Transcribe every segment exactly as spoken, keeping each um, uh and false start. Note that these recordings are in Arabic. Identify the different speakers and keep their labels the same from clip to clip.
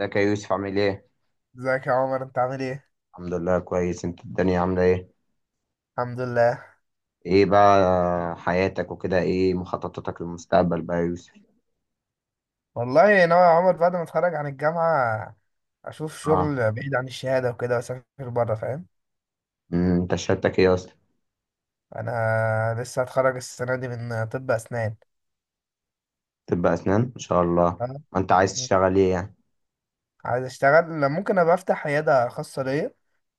Speaker 1: ازيك يا يوسف عامل ايه؟
Speaker 2: ازيك يا عمر انت عامل ايه؟
Speaker 1: الحمد لله كويس، انت الدنيا عاملة ايه؟
Speaker 2: الحمد لله.
Speaker 1: ايه بقى حياتك وكده، ايه مخططاتك للمستقبل بقى يا يوسف؟
Speaker 2: والله ناوي يا عمر بعد ما اتخرج عن الجامعة اشوف
Speaker 1: اه.
Speaker 2: شغل بعيد عن الشهادة وكده واسافر بره، فاهم.
Speaker 1: امم، انت شهادتك ايه اصلا؟
Speaker 2: انا لسه هتخرج السنة دي من طب اسنان،
Speaker 1: طب اسنان؟ ان شاء الله.
Speaker 2: فاهم؟
Speaker 1: ما انت عايز
Speaker 2: مم.
Speaker 1: تشتغل ايه يعني؟
Speaker 2: عايز اشتغل، ممكن ابقى افتح عيادة خاصة ليا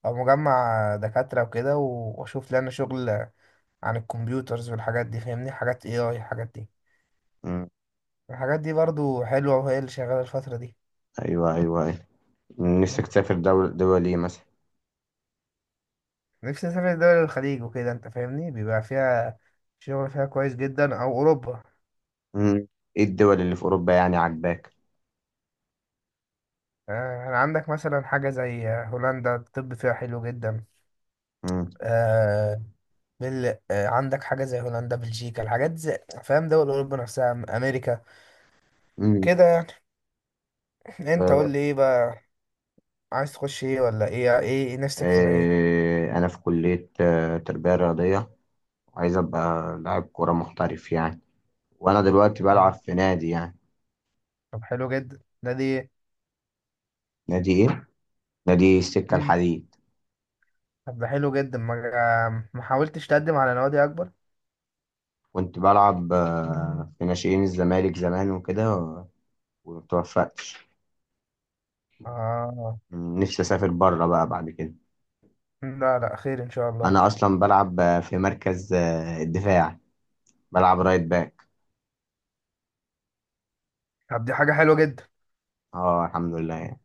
Speaker 2: او مجمع دكاترة وكده و- واشوف لنا شغل عن الكمبيوترز والحاجات دي، فاهمني، حاجات اي اي، الحاجات دي
Speaker 1: امم،
Speaker 2: الحاجات دي برضو حلوة وهي اللي شغالة الفترة
Speaker 1: ايوه ايوه ايوه.
Speaker 2: دي.
Speaker 1: نفسك تسافر دول دول ايه مثلا؟
Speaker 2: نفسي اسافر دول الخليج وكده، انت فاهمني، بيبقى فيها شغل، فيها كويس جدا، او اوروبا.
Speaker 1: امم، ايه الدول اللي في اوروبا يعني عاجباك؟
Speaker 2: آه، يعني عندك مثلا حاجه زي هولندا، الطب فيها حلو جدا.
Speaker 1: امم،
Speaker 2: آه، بل... آه، عندك حاجه زي هولندا، بلجيكا، الحاجات زي، فاهم، دول اوروبا نفسها، أم- امريكا
Speaker 1: امم،
Speaker 2: كده يعني. انت
Speaker 1: اه،
Speaker 2: قول لي ايه بقى، عايز تخش ايه، ولا ايه ايه نفسك تبقى ايه؟
Speaker 1: اه، انا في كلية اه، تربية رياضية. عايز ابقى لاعب كورة محترف يعني، وانا دلوقتي
Speaker 2: آه،
Speaker 1: بلعب في نادي يعني.
Speaker 2: طب حلو جدا ده دي.
Speaker 1: نادي ايه؟ نادي السكة
Speaker 2: مم.
Speaker 1: الحديد.
Speaker 2: طب ده حلو جدا، ما ما حاولتش تقدم على نوادي اكبر؟
Speaker 1: كنت بلعب آه، في ناشئين الزمالك زمان وكده و- ومتوفقتش.
Speaker 2: اه.
Speaker 1: م، نفسي أسافر بره بقى بعد كده.
Speaker 2: لا لا، خير ان شاء الله.
Speaker 1: أنا أصلا بلعب آه، في مركز آه، الدفاع، بلعب رايت باك.
Speaker 2: طب دي حاجة حلوة جدا.
Speaker 1: اه الحمد لله يعني.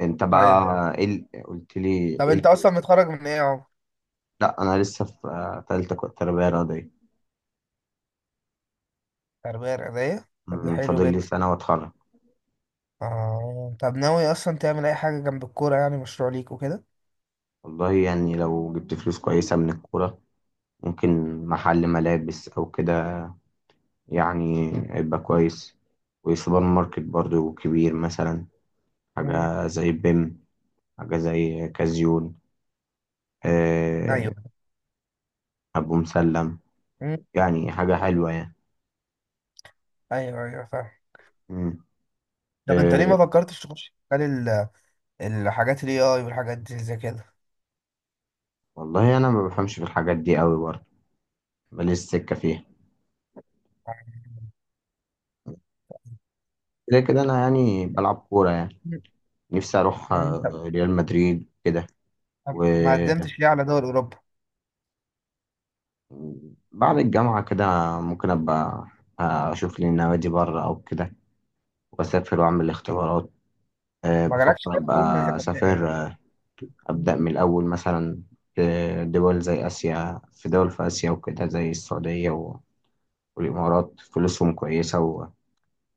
Speaker 1: انت
Speaker 2: طيب،
Speaker 1: بقى ايه ال- قلت لي
Speaker 2: طب
Speaker 1: ايه
Speaker 2: انت
Speaker 1: ال-
Speaker 2: اصلا متخرج من ايه اهو؟
Speaker 1: لا انا لسه في آه، تالتة ك- تربية رياضية.
Speaker 2: تربية رياضية، طب ده
Speaker 1: م،
Speaker 2: حلو
Speaker 1: فاضل لي
Speaker 2: جدا.
Speaker 1: سنة واتخرج.
Speaker 2: اه، طب ناوي اصلا تعمل اي حاجة جنب الكورة يعني، مشروع ليك وكده؟
Speaker 1: والله يعني لو جبت فلوس كويسة من الكورة، ممكن محل ملابس أو كده، يعني هيبقى كويس. وسوبر ماركت برضو كبير مثلا،
Speaker 2: امم،
Speaker 1: حاجة زي بيم، حاجة زي كازيون، آه،
Speaker 2: ايوه،
Speaker 1: أبو مسلم،
Speaker 2: امم،
Speaker 1: يعني حاجة حلوة يعني.
Speaker 2: ايوه ايوه، فاهم.
Speaker 1: مم.
Speaker 2: طب انت ليه
Speaker 1: آه،
Speaker 2: ما فكرتش تخش مجال ال- الحاجات الاي اي والحاجات دي زي كده؟
Speaker 1: والله أنا ما بفهمش في الحاجات دي قوي برضو، ماليش سكة فيها. كده كده أنا يعني بلعب كورة يعني.
Speaker 2: مم.
Speaker 1: نفسي أروح
Speaker 2: مم. طب،
Speaker 1: آه، ريال مدريد كده.
Speaker 2: طب ما
Speaker 1: وبعد
Speaker 2: قدمتش ليه على دول اوروبا؟
Speaker 1: الجامعة كده ممكن أبقى آه، أشوف لي نوادي بره أو كده، وأسافر وأعمل اختبارات. آه،
Speaker 2: ما
Speaker 1: بفكر
Speaker 2: جالكش ليه
Speaker 1: أبقى
Speaker 2: عروض من هنا؟
Speaker 1: أسافر، آه، أبدأ من الأول مثلا، في دول زي آسيا. في دول في آسيا وكده زي السعودية و- والإمارات فلوسهم كويسة،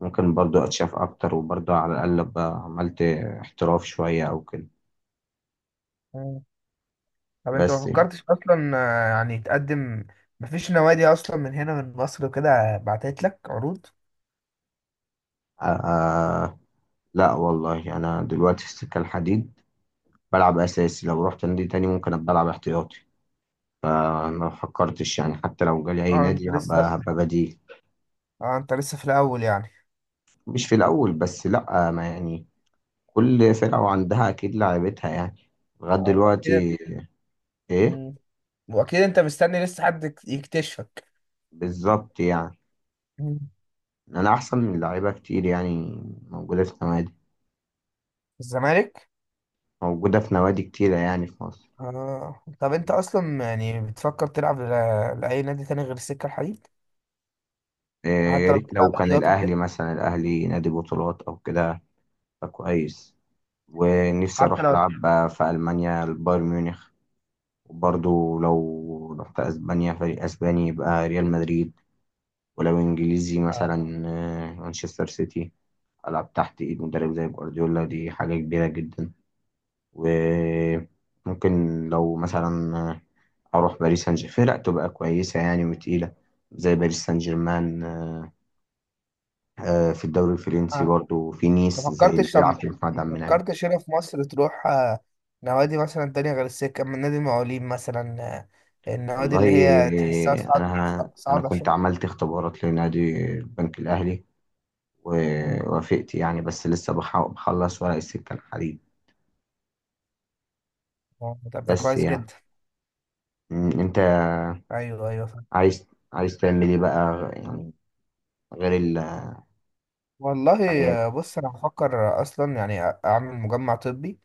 Speaker 1: وممكن برضو أتشاف أكتر، وبرضو على الأقل أبقى عملت احتراف شوية أو كده
Speaker 2: مم. طب انت
Speaker 1: بس
Speaker 2: ما
Speaker 1: يعني.
Speaker 2: فكرتش اصلا، آه، يعني تقدم؟ مفيش نوادي اصلا من هنا من مصر وكده بعتت لك عروض؟
Speaker 1: آه آه، لا والله أنا دلوقتي في السكة الحديد، بلعب أساسي. لو رحت نادي تاني ممكن أبقى ألعب احتياطي. آه، ما فكرتش يعني، حتى لو جالي أي
Speaker 2: اه انت
Speaker 1: نادي
Speaker 2: لسه،
Speaker 1: هبقى هبقى بديل.
Speaker 2: اه انت لسه في الاول يعني.
Speaker 1: مش في الأول بس لأ، آه، ما يعني كل فرقة وعندها أكيد لعيبتها يعني، لغاية
Speaker 2: آه، اكيد.
Speaker 1: دلوقتي. إيه
Speaker 2: مم. واكيد انت مستني لسه حد يك- يكتشفك.
Speaker 1: بالظبط يعني.
Speaker 2: مم.
Speaker 1: أنا أحسن من لعيبة كتير يعني، موجودة في نوادي،
Speaker 2: الزمالك.
Speaker 1: موجودة في نوادي كتيرة يعني في مصر.
Speaker 2: آه. طب انت اصلا يعني بتفكر تلعب ل- لاي نادي تاني غير السكة الحديد؟
Speaker 1: إيه، يا
Speaker 2: حتى لو
Speaker 1: ريت لو
Speaker 2: بتلعب
Speaker 1: كان
Speaker 2: احتياطي كده.
Speaker 1: الأهلي مثلا، الأهلي نادي بطولات أو كده فكويس. ونفسي
Speaker 2: حتى
Speaker 1: أروح
Speaker 2: لو.
Speaker 1: ألعب بقى في ألمانيا البايرن ميونخ. وبرضه لو رحت أسبانيا فريق أسباني يبقى ريال مدريد، ولو إنجليزي مثلا آه، مانشستر سيتي. ألعب تحت إيد مدرب زي جوارديولا دي حاجة كبيرة جدا. وممكن لو مثلا أروح باريس سان جيرمان، فرق تبقى كويسة يعني وتقيلة زي باريس سان جيرمان. آه، آه، في الدوري الفرنسي
Speaker 2: آه.
Speaker 1: برضو في نيس
Speaker 2: ما
Speaker 1: زي اللي
Speaker 2: فكرتش، طب
Speaker 1: بيلعب في محمد عبد
Speaker 2: ما
Speaker 1: المنعم.
Speaker 2: فكرتش هنا في مصر تروح آه، نوادي مثلا تانية غير السكة، من نادي المقاولين مثلا، آه، النوادي
Speaker 1: والله
Speaker 2: اللي هي تحسها
Speaker 1: آه،
Speaker 2: صعب؟
Speaker 1: أنا أنا
Speaker 2: صعبة
Speaker 1: كنت
Speaker 2: شوية.
Speaker 1: عملت اختبارات لنادي البنك الأهلي
Speaker 2: مم.
Speaker 1: ووافقت يعني، بس لسه بح- بخلص ورق السكة الحديد
Speaker 2: طب ده
Speaker 1: بس
Speaker 2: كويس
Speaker 1: يعني.
Speaker 2: جدا.
Speaker 1: م، أنت
Speaker 2: ايوه ايوه فاهم.
Speaker 1: عايز، عايز تعمل إيه بقى يعني غير ال
Speaker 2: والله،
Speaker 1: عيادة؟
Speaker 2: آه، بص انا بفكر اصلا يعني اعمل مجمع طبي،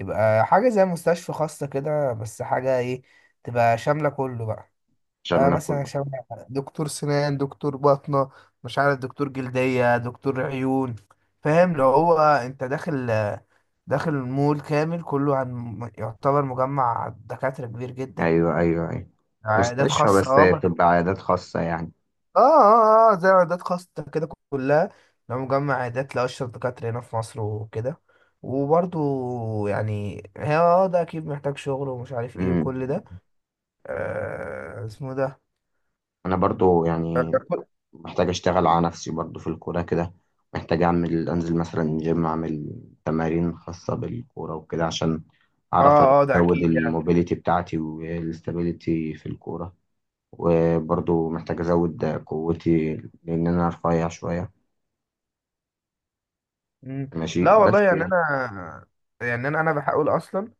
Speaker 2: يبقى حاجة زي مستشفى خاصة كده، بس حاجة ايه، تبقى شاملة كله بقى. آه
Speaker 1: شاملة
Speaker 2: مثلا
Speaker 1: كله.
Speaker 2: شبه دكتور سنان، دكتور باطنة، مش عارف، دكتور جلدية، دكتور عيون، فاهم؟ لو هو انت داخل، داخل المول كامل كله، عن يعتبر مجمع دكاترة كبير جدا،
Speaker 1: أيوه أيوه أيوه.
Speaker 2: عيادات
Speaker 1: مستشفى
Speaker 2: خاصة،
Speaker 1: بس
Speaker 2: اه بس-
Speaker 1: تبقى عيادات خاصة يعني.
Speaker 2: اه اه. آه، زي عيادات خاصة كده كلها، لو مجمع عيادات لأشهر دكاترة هنا في مصر وكده. وبرضو يعني هي اه، آه، ده أكيد محتاج شغل ومش عارف ايه
Speaker 1: أمم.
Speaker 2: وكل ده. آه اسمه ده.
Speaker 1: أنا برضو
Speaker 2: اه،
Speaker 1: يعني محتاج أشتغل على نفسي برضو في الكورة كده. محتاج أعمل، أنزل مثلا جيم، أعمل تمارين خاصة بالكورة وكده، عشان أعرف
Speaker 2: اه ده
Speaker 1: أزود
Speaker 2: أكيد يعني.
Speaker 1: الموبيليتي بتاعتي والاستابيليتي في الكورة. وبرضو محتاج أزود قوتي لأن أنا رفيع شوية.
Speaker 2: مم.
Speaker 1: ماشي
Speaker 2: لا
Speaker 1: بس
Speaker 2: والله يعني
Speaker 1: يعني.
Speaker 2: انا، يعني انا انا بحاول اصلا،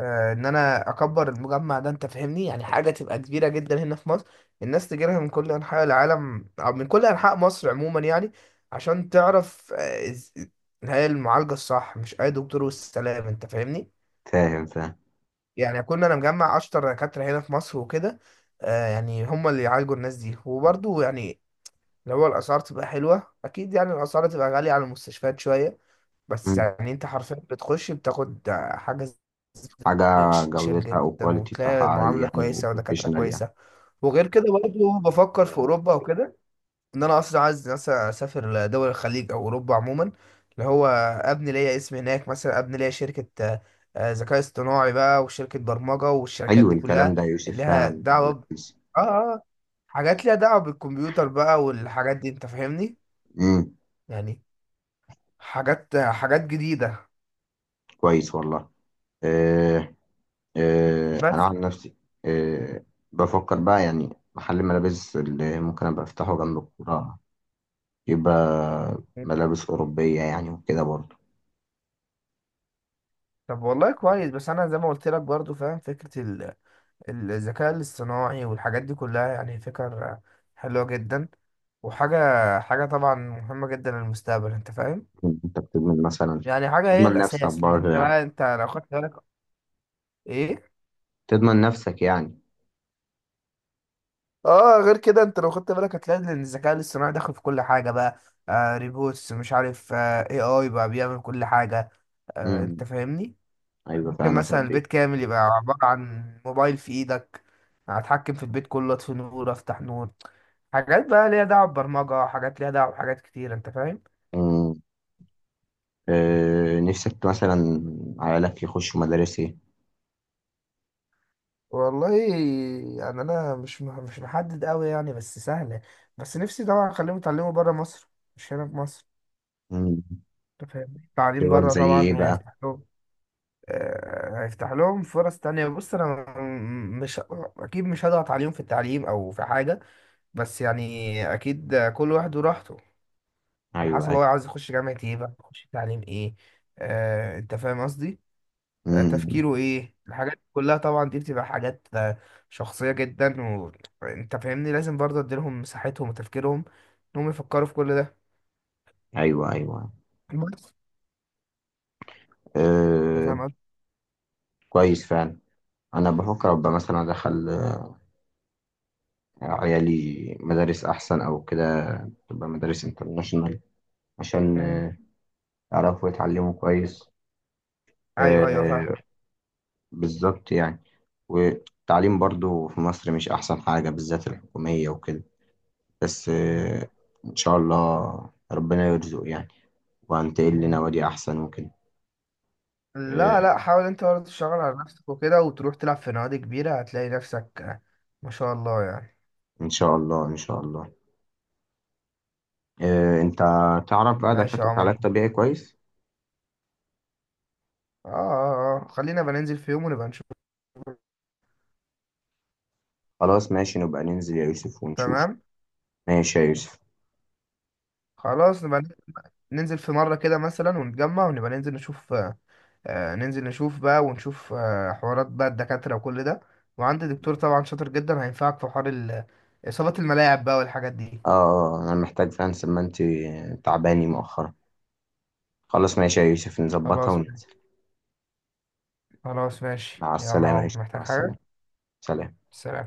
Speaker 2: آه، ان انا اكبر المجمع ده، انت فاهمني، يعني حاجه تبقى كبيره جدا هنا في مصر، الناس تجي لها من كل انحاء العالم او من كل انحاء مصر عموما يعني، عشان تعرف آه، إز- إن هي المعالجه الصح، مش اي دكتور والسلام، انت فاهمني.
Speaker 1: فاهم فاهم.
Speaker 2: يعني اكون انا مجمع اشطر دكاتره هنا في مصر وكده، آه، يعني هم اللي يعالجوا الناس دي. وبرضه يعني لو الاسعار تبقى حلوه، اكيد يعني الاسعار تبقى غاليه على المستشفيات شويه، بس يعني انت حرفيا بتخش بتاخد حاجة
Speaker 1: حاجة
Speaker 2: سبيشال
Speaker 1: جودتها أو
Speaker 2: جدا،
Speaker 1: كواليتي بتاعها
Speaker 2: وتلاقي
Speaker 1: عالي
Speaker 2: معاملة
Speaker 1: يعني،
Speaker 2: كويسة ودكاترة
Speaker 1: وبروفيشنال يعني.
Speaker 2: كويسة. وغير كده برضه بفكر في أوروبا وكده، إن أنا أصلا عايز مثلا أسافر لدول الخليج أو أوروبا عموما، اللي هو أبني ليا اسم هناك، مثلا أبني ليا شركة آه، آه، ذكاء اصطناعي بقى، وشركة برمجة، والشركات
Speaker 1: حلو
Speaker 2: دي
Speaker 1: الكلام
Speaker 2: كلها
Speaker 1: ده يا
Speaker 2: اللي
Speaker 1: يوسف،
Speaker 2: لها
Speaker 1: فعلا
Speaker 2: دعوة ب...
Speaker 1: لذيذ.
Speaker 2: آه آه آه، حاجات ليها دعوة بالكمبيوتر بقى والحاجات دي، أنت فاهمني؟
Speaker 1: امم.
Speaker 2: يعني حاجات حاجات جديدة.
Speaker 1: كويس والله. آه. آه أنا
Speaker 2: بس
Speaker 1: عن نفسي، آه بفكر بقى يعني محل ملابس اللي ممكن أبقى أفتحه جنب الكورة. يبقى ملابس أوروبية يعني وكده برضه.
Speaker 2: طب والله كويس، بس انا زي ما قلت لك برضو فاهم فكرة ال- الذكاء الاصطناعي والحاجات دي كلها، يعني فكر حلوة جدا، وحاجة، حاجة طبعا مهمة جدا للمستقبل، انت فاهم.
Speaker 1: أنت بتضمن مثلا،
Speaker 2: يعني حاجة هي
Speaker 1: تضمن نفسك
Speaker 2: الاساس، ان
Speaker 1: برضه
Speaker 2: انت
Speaker 1: يعني،
Speaker 2: بقى انت لو خدت بالك. ايه.
Speaker 1: تضمن نفسك يعني.
Speaker 2: اه، غير كده انت لو خدت بالك هتلاقي ان الذكاء الاصطناعي داخل في كل حاجة بقى، آه ريبوتس، مش عارف، آه اي اي بقى بيعمل كل حاجة، آه انت
Speaker 1: امم.
Speaker 2: فاهمني.
Speaker 1: أيوه
Speaker 2: ممكن
Speaker 1: فعلا
Speaker 2: مثلا
Speaker 1: فعلا.
Speaker 2: البيت كامل يبقى عبارة عن موبايل في ايدك، هتحكم في البيت كله، اطفي نور، افتح نور، حاجات بقى ليها دعوة ببرمجة، حاجات ليها دعوة بحاجات كتير، انت فاهم.
Speaker 1: مم. آه، نفسك مثلا عيالك يخشوا مدارس ايه؟
Speaker 2: والله يعني انا مش مح- مش محدد قوي يعني، بس سهله. بس نفسي طبعا اخليهم يتعلموا بره مصر، مش هنا في مصر.
Speaker 1: مم.
Speaker 2: انت فاهم التعليم
Speaker 1: دول
Speaker 2: بره
Speaker 1: زي ايه
Speaker 2: طبعا
Speaker 1: بقى؟
Speaker 2: هيفتح لهم، آه، هيفتح لهم فرص تانية. بص أنا، م- مش أكيد مش هضغط عليهم في التعليم أو في حاجة، بس يعني أكيد كل واحد وراحته، على
Speaker 1: ايوه
Speaker 2: حسب
Speaker 1: ايوه.
Speaker 2: هو عاوز يخش جامعة ايه بقى، يخش تعليم ايه، آه انت فاهم قصدي. آه
Speaker 1: مم.
Speaker 2: تفكيره ايه، الحاجات دي كلها طبعا دي بتبقى حاجات آه، شخصية جدا، وانت فاهمني لازم برضه اديلهم مساحتهم وتفكيرهم انهم يفكروا في كل ده.
Speaker 1: ايوه ايوه.
Speaker 2: بس انت فاهم
Speaker 1: أه
Speaker 2: قصدي.
Speaker 1: كويس فعلا. انا بفكر ابقى مثلا ادخل عيالي مدارس احسن او كده، تبقى مدارس انترناشونال، عشان
Speaker 2: مم.
Speaker 1: آه، يعرفوا يتعلموا كويس.
Speaker 2: ايوه ايوه فاهم.
Speaker 1: أه بالظبط يعني. والتعليم برضو في مصر مش احسن حاجة، بالذات الحكومية وكده. بس
Speaker 2: مم.
Speaker 1: آه، ان شاء الله ربنا يرزق يعني، وهنتقل
Speaker 2: مم.
Speaker 1: لنوادي احسن وكده.
Speaker 2: لا
Speaker 1: إيه،
Speaker 2: لا، حاول انت برضه تشتغل على نفسك وكده، وتروح تلعب في نوادي كبيرة، هتلاقي نفسك، آه، ما شاء الله يعني.
Speaker 1: ان شاء الله ان شاء الله. إيه، انت تعرف بقى
Speaker 2: ماشي يا
Speaker 1: دكاترة
Speaker 2: عمر.
Speaker 1: علاج طبيعي كويس؟
Speaker 2: اه اه اه، خلينا بننزل في يوم ونبقى نشوف.
Speaker 1: خلاص ماشي، نبقى ننزل يا يوسف ونشوف.
Speaker 2: تمام.
Speaker 1: ماشي يا يوسف.
Speaker 2: خلاص نبقى ننزل في مرة كده مثلا ونتجمع، ونبقى ننزل نشوف، آه، آه، ننزل نشوف بقى ونشوف آه، حوارات بقى الدكاترة وكل ده. وعندي دكتور طبعا شاطر جدا هينفعك في حوار ال- إصابات الملاعب بقى والحاجات دي.
Speaker 1: اه انا محتاج فعلا، ما انت تعباني مؤخرا. خلاص ماشي يا يوسف، نظبطها
Speaker 2: خلاص.
Speaker 1: وننزل.
Speaker 2: خلاص ماشي،
Speaker 1: مع
Speaker 2: يلا يا
Speaker 1: السلامة يا
Speaker 2: عمر،
Speaker 1: يوسف، مع
Speaker 2: محتاج
Speaker 1: السلامة.
Speaker 2: حاجة؟
Speaker 1: سلام.
Speaker 2: سلام.